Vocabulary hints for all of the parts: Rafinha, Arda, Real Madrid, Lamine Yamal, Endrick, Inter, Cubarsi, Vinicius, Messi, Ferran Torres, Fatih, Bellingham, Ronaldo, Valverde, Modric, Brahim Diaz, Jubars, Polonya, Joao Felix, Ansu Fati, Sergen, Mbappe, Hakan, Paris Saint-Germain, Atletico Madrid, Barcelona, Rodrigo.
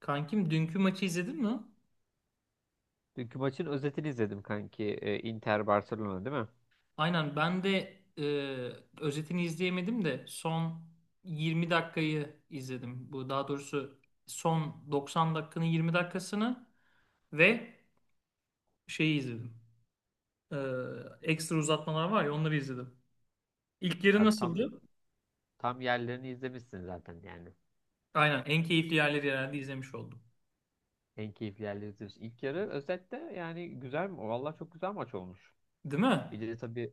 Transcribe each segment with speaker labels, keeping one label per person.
Speaker 1: Kankim dünkü maçı izledin mi?
Speaker 2: Dünkü maçın özetini izledim kanki. Inter Barcelona değil mi?
Speaker 1: Aynen ben de e, özetini izleyemedim de son 20 dakikayı izledim. Bu daha doğrusu son 90 dakikanın 20 dakikasını ve şeyi izledim. E, ekstra uzatmalar var ya onları izledim. İlk yarı
Speaker 2: Abi tam
Speaker 1: nasıldı?
Speaker 2: tam yerlerini izlemişsin zaten yani.
Speaker 1: Aynen en keyifli yerleri herhalde izlemiş oldum.
Speaker 2: En keyifli yerleri izlemişsin. İlk yarı özette yani güzel mi? Vallahi çok güzel maç olmuş.
Speaker 1: Değil mi?
Speaker 2: Bir de tabii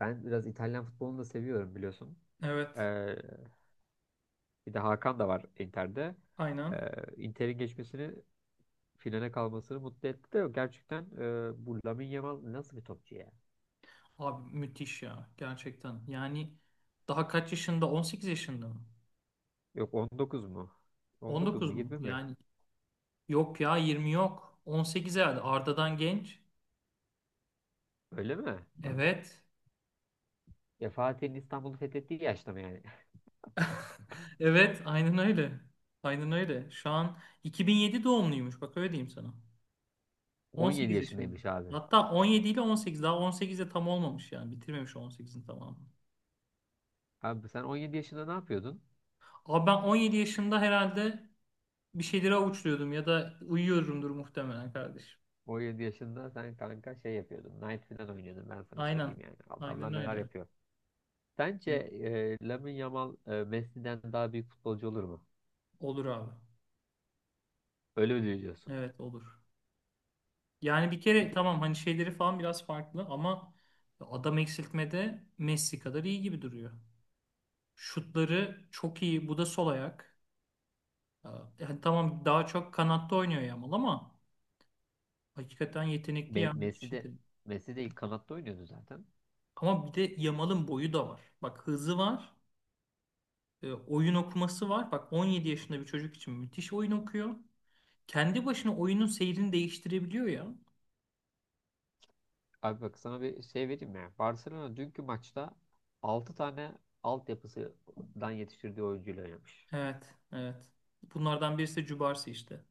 Speaker 2: ben biraz İtalyan futbolunu da seviyorum biliyorsun.
Speaker 1: Evet.
Speaker 2: Ee, bir de Hakan da var Inter'de. Ee,
Speaker 1: Aynen.
Speaker 2: Inter'in geçmesini finale kalmasını mutlu etti de gerçekten bu Lamine Yamal nasıl bir topçu ya?
Speaker 1: Abi müthiş ya gerçekten. Yani daha kaç yaşında? 18 yaşında mı?
Speaker 2: Yok 19 mu? 19 mu
Speaker 1: 19 mu?
Speaker 2: 20 mi?
Speaker 1: Yani yok ya 20 yok. 18 herhalde. Arda'dan genç.
Speaker 2: Öyle mi?
Speaker 1: Evet.
Speaker 2: Ya Fatih'in İstanbul'u fethettiği yaşta mı yani?
Speaker 1: Evet, aynen öyle. Aynen öyle. Şu an 2007 doğumluymuş. Bak öyle diyeyim sana.
Speaker 2: 17
Speaker 1: 18 yaşında.
Speaker 2: yaşındaymış abi.
Speaker 1: Hatta 17 ile 18. Daha 18 de tam olmamış yani. Bitirmemiş 18'in tamamını.
Speaker 2: Abi sen 17 yaşında ne yapıyordun?
Speaker 1: Abi ben 17 yaşında herhalde bir şeyleri avuçluyordum ya da uyuyorumdur muhtemelen kardeşim.
Speaker 2: 17 yaşında sen kanka şey yapıyordun. Knight falan oynuyordun ben sana
Speaker 1: Aynen.
Speaker 2: söyleyeyim yani.
Speaker 1: Aynen
Speaker 2: Adamlar neler
Speaker 1: öyle.
Speaker 2: yapıyor. Sence Lamine Yamal Messi'den daha büyük futbolcu olur mu?
Speaker 1: Olur abi.
Speaker 2: Öyle mi diyorsun?
Speaker 1: Evet olur. Yani bir kere
Speaker 2: Peki
Speaker 1: tamam hani şeyleri falan biraz farklı ama adam eksiltmede Messi kadar iyi gibi duruyor. Şutları çok iyi. Bu da sol ayak. Ee, Yani tamam daha çok kanatta oynuyor Yamal ama hakikaten yetenekli
Speaker 2: Me-
Speaker 1: ya
Speaker 2: Messi
Speaker 1: müthiş
Speaker 2: de
Speaker 1: yetenekli.
Speaker 2: Messi de ilk kanatta oynuyordu zaten.
Speaker 1: Ama bir de Yamal'ın boyu da var. Bak hızı var. Oyun okuması var. Bak 17 yaşında bir çocuk için müthiş oyun okuyor. Kendi başına oyunun seyrini değiştirebiliyor ya.
Speaker 2: Abi bak sana bir şey vereyim ya. Barcelona dünkü maçta 6 tane altyapısından yetiştirdiği oyuncuyla oynamış.
Speaker 1: Evet, evet. Bunlardan birisi de Cubarsi işte.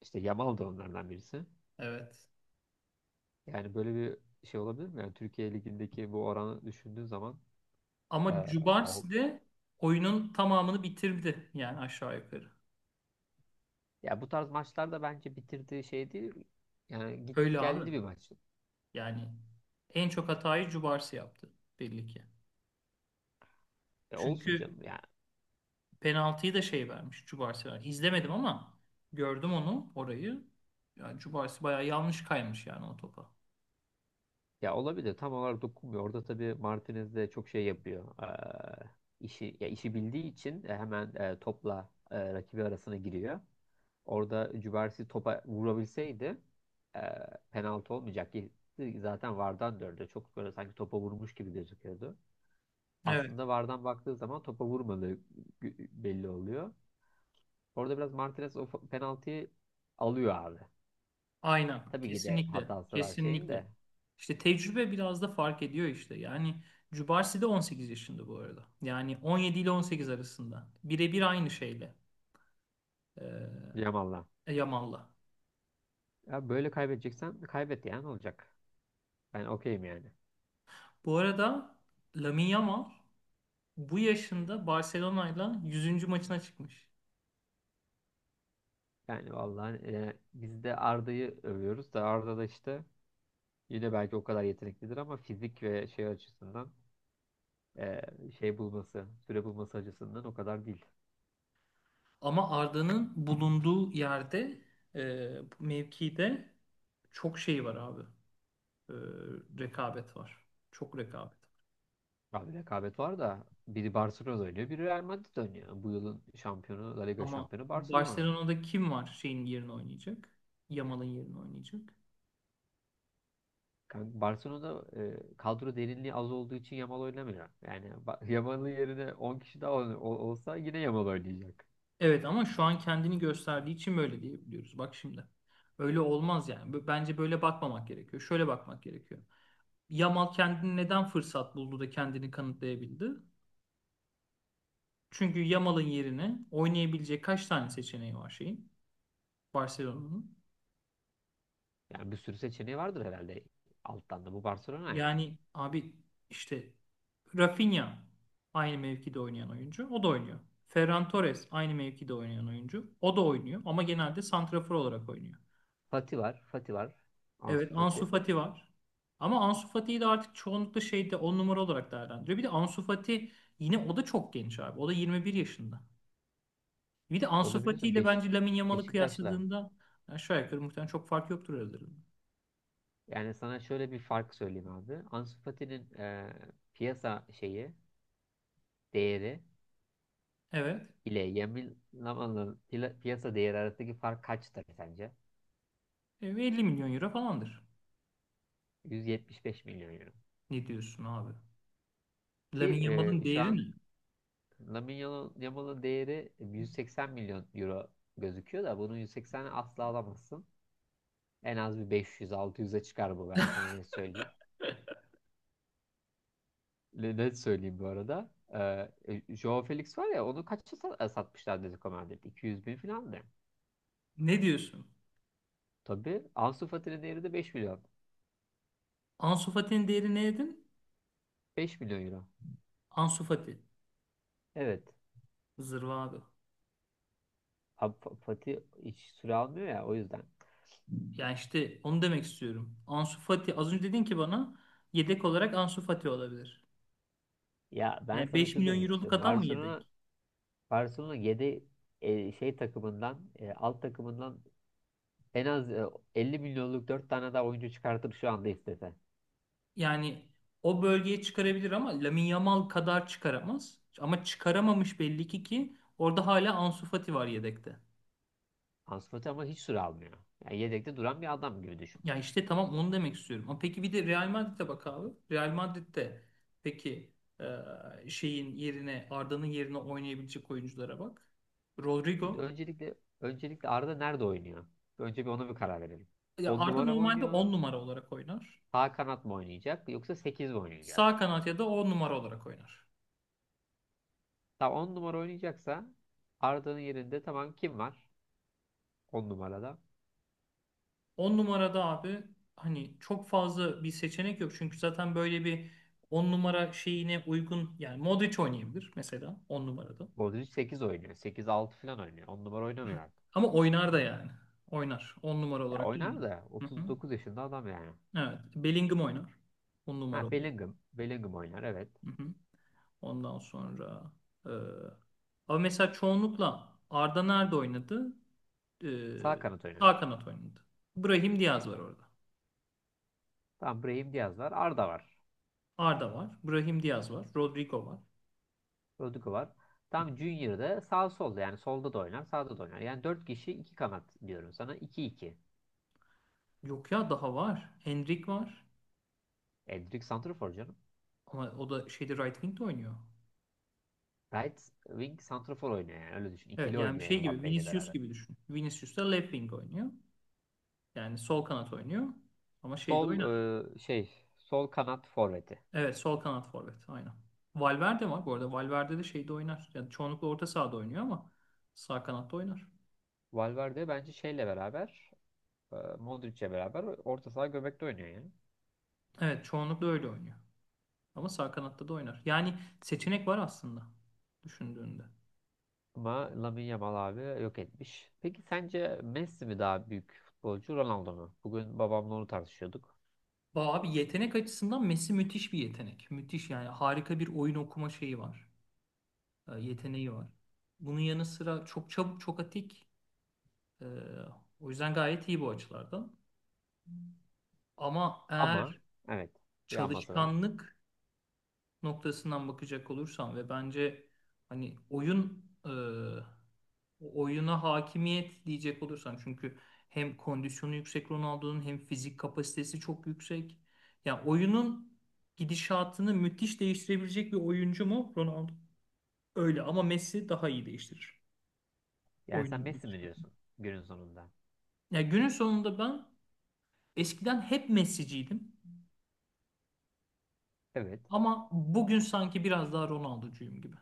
Speaker 2: İşte Yamal da onlardan birisi.
Speaker 1: Evet.
Speaker 2: Yani böyle bir şey olabilir mi? Yani Türkiye Ligi'ndeki bu oranı düşündüğün zaman e,
Speaker 1: Ama
Speaker 2: al-
Speaker 1: Jubars'ı de oyunun tamamını bitirdi yani aşağı yukarı.
Speaker 2: ya bu tarz maçlarda bence bitirdiği şey değil. Yani gitti
Speaker 1: Öyle abi.
Speaker 2: geldi bir maç.
Speaker 1: Yani en çok hatayı Jubars yaptı belli ki.
Speaker 2: Olsun
Speaker 1: Çünkü
Speaker 2: canım yani.
Speaker 1: penaltıyı da şey vermiş Jubars vermiş. İzlemedim ama gördüm onu orayı. Yani Jubars bayağı yanlış kaymış yani o topa.
Speaker 2: Ya olabilir. Tam olarak dokunmuyor. Orada tabii Martinez de çok şey yapıyor. İşi ya işi bildiği için hemen topla rakibi arasına giriyor. Orada Cubarsi topa vurabilseydi e, penaltı olmayacak. Zaten VAR'dan döndü. Çok böyle sanki topa vurmuş gibi gözüküyordu.
Speaker 1: Evet,
Speaker 2: Aslında VAR'dan baktığı zaman topa vurmadığı belli oluyor. Orada biraz Martinez o penaltıyı alıyor abi.
Speaker 1: aynen.
Speaker 2: Tabii ki de
Speaker 1: Kesinlikle.
Speaker 2: hatası var şeyin
Speaker 1: Kesinlikle.
Speaker 2: de.
Speaker 1: İşte tecrübe biraz da fark ediyor işte. Yani Cubarsi de 18 yaşında bu arada. Yani 17 ile 18 arasında. Birebir aynı şeyle. Ee,
Speaker 2: Yamal'la.
Speaker 1: Yamal'la.
Speaker 2: Ya böyle kaybedeceksen kaybet yani olacak. Ben okeyim yani.
Speaker 1: Bu arada Lamine Yamal bu yaşında Barcelona'yla 100. maçına çıkmış.
Speaker 2: Yani vallahi biz de Arda'yı övüyoruz da Arda da işte yine belki o kadar yeteneklidir ama fizik ve şey açısından e, şey bulması, süre bulması açısından o kadar değil.
Speaker 1: Ama Arda'nın bulunduğu yerde e, mevkide çok şey var abi. E, rekabet var. Çok rekabet.
Speaker 2: Abi rekabet var da biri Barcelona oynuyor, biri Real Madrid oynuyor. Bu yılın şampiyonu, La Liga
Speaker 1: Ama
Speaker 2: şampiyonu Barcelona.
Speaker 1: Barcelona'da kim var şeyin yerine oynayacak? Yamal'ın yerine oynayacak.
Speaker 2: Barcelona'da kadro derinliği az olduğu için Yamal oynamıyor. Yani Yamal'ın yerine 10 kişi daha olsa yine Yamal oynayacak.
Speaker 1: Evet ama şu an kendini gösterdiği için böyle diyebiliyoruz. Bak şimdi. Öyle olmaz yani. Bence böyle bakmamak gerekiyor. Şöyle bakmak gerekiyor. Yamal kendini neden fırsat buldu da kendini kanıtlayabildi? Çünkü Yamal'ın yerine oynayabilecek kaç tane seçeneği var şeyin? Barcelona'nın.
Speaker 2: Yani bir sürü seçeneği vardır herhalde alttan da bu Barcelona yani.
Speaker 1: Yani abi işte Rafinha aynı mevkide oynayan oyuncu. O da oynuyor. Ferran Torres aynı mevkide oynayan oyuncu. O da oynuyor ama genelde santrafor olarak oynuyor.
Speaker 2: Fati var, Fati var. Ansu
Speaker 1: Evet Ansu
Speaker 2: Fati.
Speaker 1: Fati var. Ama Ansu Fati'yi de artık çoğunlukla şeyde 10 numara olarak değerlendiriyor. Bir de Ansu Fati yine o da çok genç abi. O da 21 yaşında. Bir de
Speaker 2: O
Speaker 1: Ansu
Speaker 2: da
Speaker 1: Fati
Speaker 2: biliyorsun
Speaker 1: ile
Speaker 2: Beşik
Speaker 1: bence Lamine Yamal'ı
Speaker 2: Beşiktaş'la.
Speaker 1: kıyasladığında aşağı yukarı muhtemelen çok fark yoktur aralarında.
Speaker 2: Yani sana şöyle bir fark söyleyeyim abi. Ansu Fati'nin piyasa şeyi, değeri
Speaker 1: Evet.
Speaker 2: ile Yamil Lama'nın piyasa değeri arasındaki fark kaçtır sence?
Speaker 1: 50 milyon euro falandır.
Speaker 2: 175 milyon euro.
Speaker 1: Ne diyorsun abi?
Speaker 2: Ki
Speaker 1: Lamine Yamal'ın
Speaker 2: şu
Speaker 1: değeri
Speaker 2: an
Speaker 1: ne?
Speaker 2: Lamine Yamal'ın değeri 180 milyon euro gözüküyor da bunun 180'i asla alamazsın. En az bir 500-600'e çıkar bu ben sana ne söyleyeyim. Ne söyleyeyim bu arada? Joao Felix var ya onu kaça satmışlar Atletico Madrid? 200 bin falan da.
Speaker 1: Ne diyorsun?
Speaker 2: Tabii Ansu Fati'nin değeri de 5 milyon.
Speaker 1: Ansu Fati'nin değeri ne dedin?
Speaker 2: 5 milyon euro.
Speaker 1: Ansu Fati.
Speaker 2: Evet.
Speaker 1: Zırva abi.
Speaker 2: Abi Fatih hiç süre almıyor ya o yüzden.
Speaker 1: Yani işte onu demek istiyorum. Ansu Fati az önce dedin ki bana yedek olarak Ansu Fati olabilir.
Speaker 2: Ya ben
Speaker 1: Yani
Speaker 2: sana şunu
Speaker 1: 5
Speaker 2: demek
Speaker 1: milyon euroluk
Speaker 2: istiyorum.
Speaker 1: adam mı
Speaker 2: Barcelona
Speaker 1: yedek?
Speaker 2: Barcelona 7 şey takımından alt takımından en az 50 milyonluk 4 tane daha oyuncu çıkartır şu anda istese.
Speaker 1: Yani o bölgeye çıkarabilir ama Lamine Yamal kadar çıkaramaz. Ama çıkaramamış belli ki ki orada hala Ansu Fati var yedekte.
Speaker 2: Ansu Fati ama hiç süre almıyor. Yani yedekte duran bir adam gibi düşün.
Speaker 1: Ya işte tamam onu demek istiyorum. Ama peki bir de Real Madrid'e bak abi. Real Madrid'de peki şeyin yerine Arda'nın yerine oynayabilecek oyunculara bak.
Speaker 2: Şimdi
Speaker 1: Rodrigo.
Speaker 2: öncelikle Arda nerede oynuyor? Önce bir ona bir karar verelim.
Speaker 1: Ya
Speaker 2: 10
Speaker 1: Arda
Speaker 2: numara mı
Speaker 1: normalde
Speaker 2: oynuyor?
Speaker 1: 10 numara olarak oynar.
Speaker 2: Sağ kanat mı oynayacak yoksa 8 mi
Speaker 1: Sağ
Speaker 2: oynayacak?
Speaker 1: kanat ya da 10 numara olarak oynar.
Speaker 2: Tamam 10 numara oynayacaksa Arda'nın yerinde tamam kim var 10 numarada?
Speaker 1: 10 numarada abi hani çok fazla bir seçenek yok. Çünkü zaten böyle bir 10 numara şeyine uygun yani Modric oynayabilir mesela 10 numarada.
Speaker 2: Modric 8 oynuyor. Sekiz altı falan oynuyor. On numara oynamıyor.
Speaker 1: Ama oynar da yani. Oynar. On numara
Speaker 2: Ya
Speaker 1: olarak da
Speaker 2: oynar
Speaker 1: oynar.
Speaker 2: da
Speaker 1: Hı hı.
Speaker 2: 39 yaşında adam yani.
Speaker 1: Evet. Bellingham oynar. On
Speaker 2: Ha
Speaker 1: numara olarak.
Speaker 2: Bellingham. Bellingham oynar evet.
Speaker 1: Hı hı. Ondan sonra e, ama mesela çoğunlukla Arda nerede oynadı? E,
Speaker 2: Sağ kanat oynadı.
Speaker 1: sağ kanat oynadı. Brahim Diaz var orada.
Speaker 2: Tamam Brahim Diaz var. Arda var.
Speaker 1: Arda var. Brahim Diaz var. Rodrigo var.
Speaker 2: Rodrigo var. Tam Junior'da sağ solda yani solda da oynar sağda da oynar. Yani 4 kişi iki kanat diyorum sana iki iki.
Speaker 1: Yok ya daha var. Endrick var.
Speaker 2: Endrick santrafor canım.
Speaker 1: Ama o da şeyde right wing'de oynuyor.
Speaker 2: Right wing santrafor oynuyor yani öyle düşün.
Speaker 1: Evet
Speaker 2: İkili
Speaker 1: yani
Speaker 2: oynuyor
Speaker 1: şey gibi
Speaker 2: Mbappe ile
Speaker 1: Vinicius
Speaker 2: beraber.
Speaker 1: gibi düşün. Vinicius da left wing oynuyor. Yani sol kanat oynuyor. Ama şeyde
Speaker 2: Sol e,
Speaker 1: oynar.
Speaker 2: şey sol kanat forveti.
Speaker 1: Evet sol kanat forvet aynen. Valverde var bu arada. Valverde de şeyde oynar. Yani çoğunlukla orta sahada oynuyor ama sağ kanatta oynar.
Speaker 2: Valverde bence şeyle beraber Modric'le beraber orta saha göbekte oynuyor yani.
Speaker 1: Evet çoğunlukla öyle oynuyor. Ama sağ kanatta da oynar. Yani seçenek var aslında düşündüğünde.
Speaker 2: Ama Lamine Yamal abi yok etmiş. Peki sence Messi mi daha büyük futbolcu Ronaldo mu? Bugün babamla onu tartışıyorduk.
Speaker 1: Abi yetenek açısından Messi müthiş bir yetenek. Müthiş yani harika bir oyun okuma şeyi var. Yeteneği var. Bunun yanı sıra çok çabuk, çok atik. E, o yüzden gayet iyi bu açılardan. Ama
Speaker 2: Ama
Speaker 1: eğer
Speaker 2: evet bir aması var.
Speaker 1: çalışkanlık noktasından bakacak olursam ve bence hani oyun oyuna hakimiyet diyecek olursam çünkü hem kondisyonu yüksek Ronaldo'nun hem fizik kapasitesi çok yüksek. Yani oyunun gidişatını müthiş değiştirebilecek bir oyuncu mu Ronaldo? Öyle ama Messi daha iyi değiştirir.
Speaker 2: Yani sen
Speaker 1: Oyunun
Speaker 2: Messi mi
Speaker 1: gidişatını.
Speaker 2: diyorsun günün sonunda?
Speaker 1: Ya günün sonunda ben eskiden hep Messi'ciydim.
Speaker 2: Evet
Speaker 1: Ama bugün sanki biraz daha Ronaldo'cuyum gibi.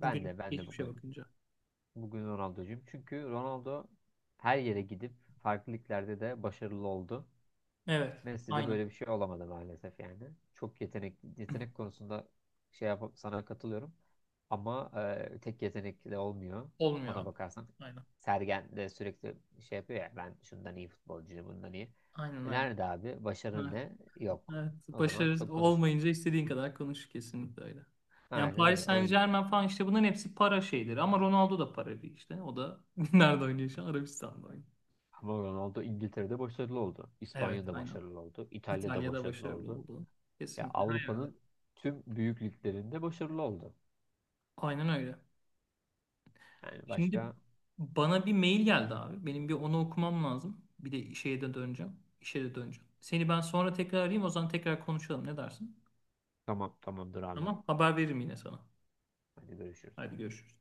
Speaker 2: ben
Speaker 1: Bugün
Speaker 2: de ben de
Speaker 1: geçmişe
Speaker 2: bugün
Speaker 1: bakınca.
Speaker 2: bugün Ronaldo'cuyum. Çünkü Ronaldo her yere gidip farklı liglerde de başarılı oldu.
Speaker 1: Evet,
Speaker 2: Messi'de
Speaker 1: aynen.
Speaker 2: böyle bir şey olamadı maalesef yani. Çok yetenek konusunda şey yap sana katılıyorum. Ama tek yetenek de olmuyor.
Speaker 1: Olmuyor
Speaker 2: Ona
Speaker 1: abi.
Speaker 2: bakarsan
Speaker 1: Aynen.
Speaker 2: Sergen de sürekli şey yapıyor ya ben şundan iyi futbolcuyum, bundan iyi.
Speaker 1: Aynen
Speaker 2: E
Speaker 1: aynen.
Speaker 2: nerede abi? Başarın
Speaker 1: Evet.
Speaker 2: ne? Yok.
Speaker 1: Evet.
Speaker 2: O zaman
Speaker 1: Başarı
Speaker 2: çok konuşma.
Speaker 1: olmayınca istediğin kadar konuş kesinlikle öyle. Yani
Speaker 2: Aynen
Speaker 1: Paris
Speaker 2: öyle. O,
Speaker 1: Saint-Germain falan işte bunların hepsi para şeyleri. Ama Ronaldo da para değil işte. O da nerede oynuyor şu an? Arabistan'da oynuyor.
Speaker 2: ama Ronaldo İngiltere'de başarılı oldu.
Speaker 1: Evet
Speaker 2: İspanya'da
Speaker 1: aynen.
Speaker 2: başarılı oldu. İtalya'da
Speaker 1: İtalya'da
Speaker 2: başarılı
Speaker 1: başarılı
Speaker 2: oldu.
Speaker 1: oldu.
Speaker 2: Ya
Speaker 1: Kesinlikle her yerde.
Speaker 2: Avrupa'nın tüm büyük liglerinde başarılı oldu.
Speaker 1: Aynen öyle.
Speaker 2: Yani
Speaker 1: Şimdi
Speaker 2: başka.
Speaker 1: bana bir mail geldi abi. Benim bir onu okumam lazım. Bir de şeye de döneceğim. İşe de döneceğim. Seni ben sonra tekrar arayayım. O zaman tekrar konuşalım. Ne dersin?
Speaker 2: Tamam, tamamdır abi.
Speaker 1: Tamam. Haber veririm yine sana.
Speaker 2: Hadi görüşürüz.
Speaker 1: Hadi görüşürüz.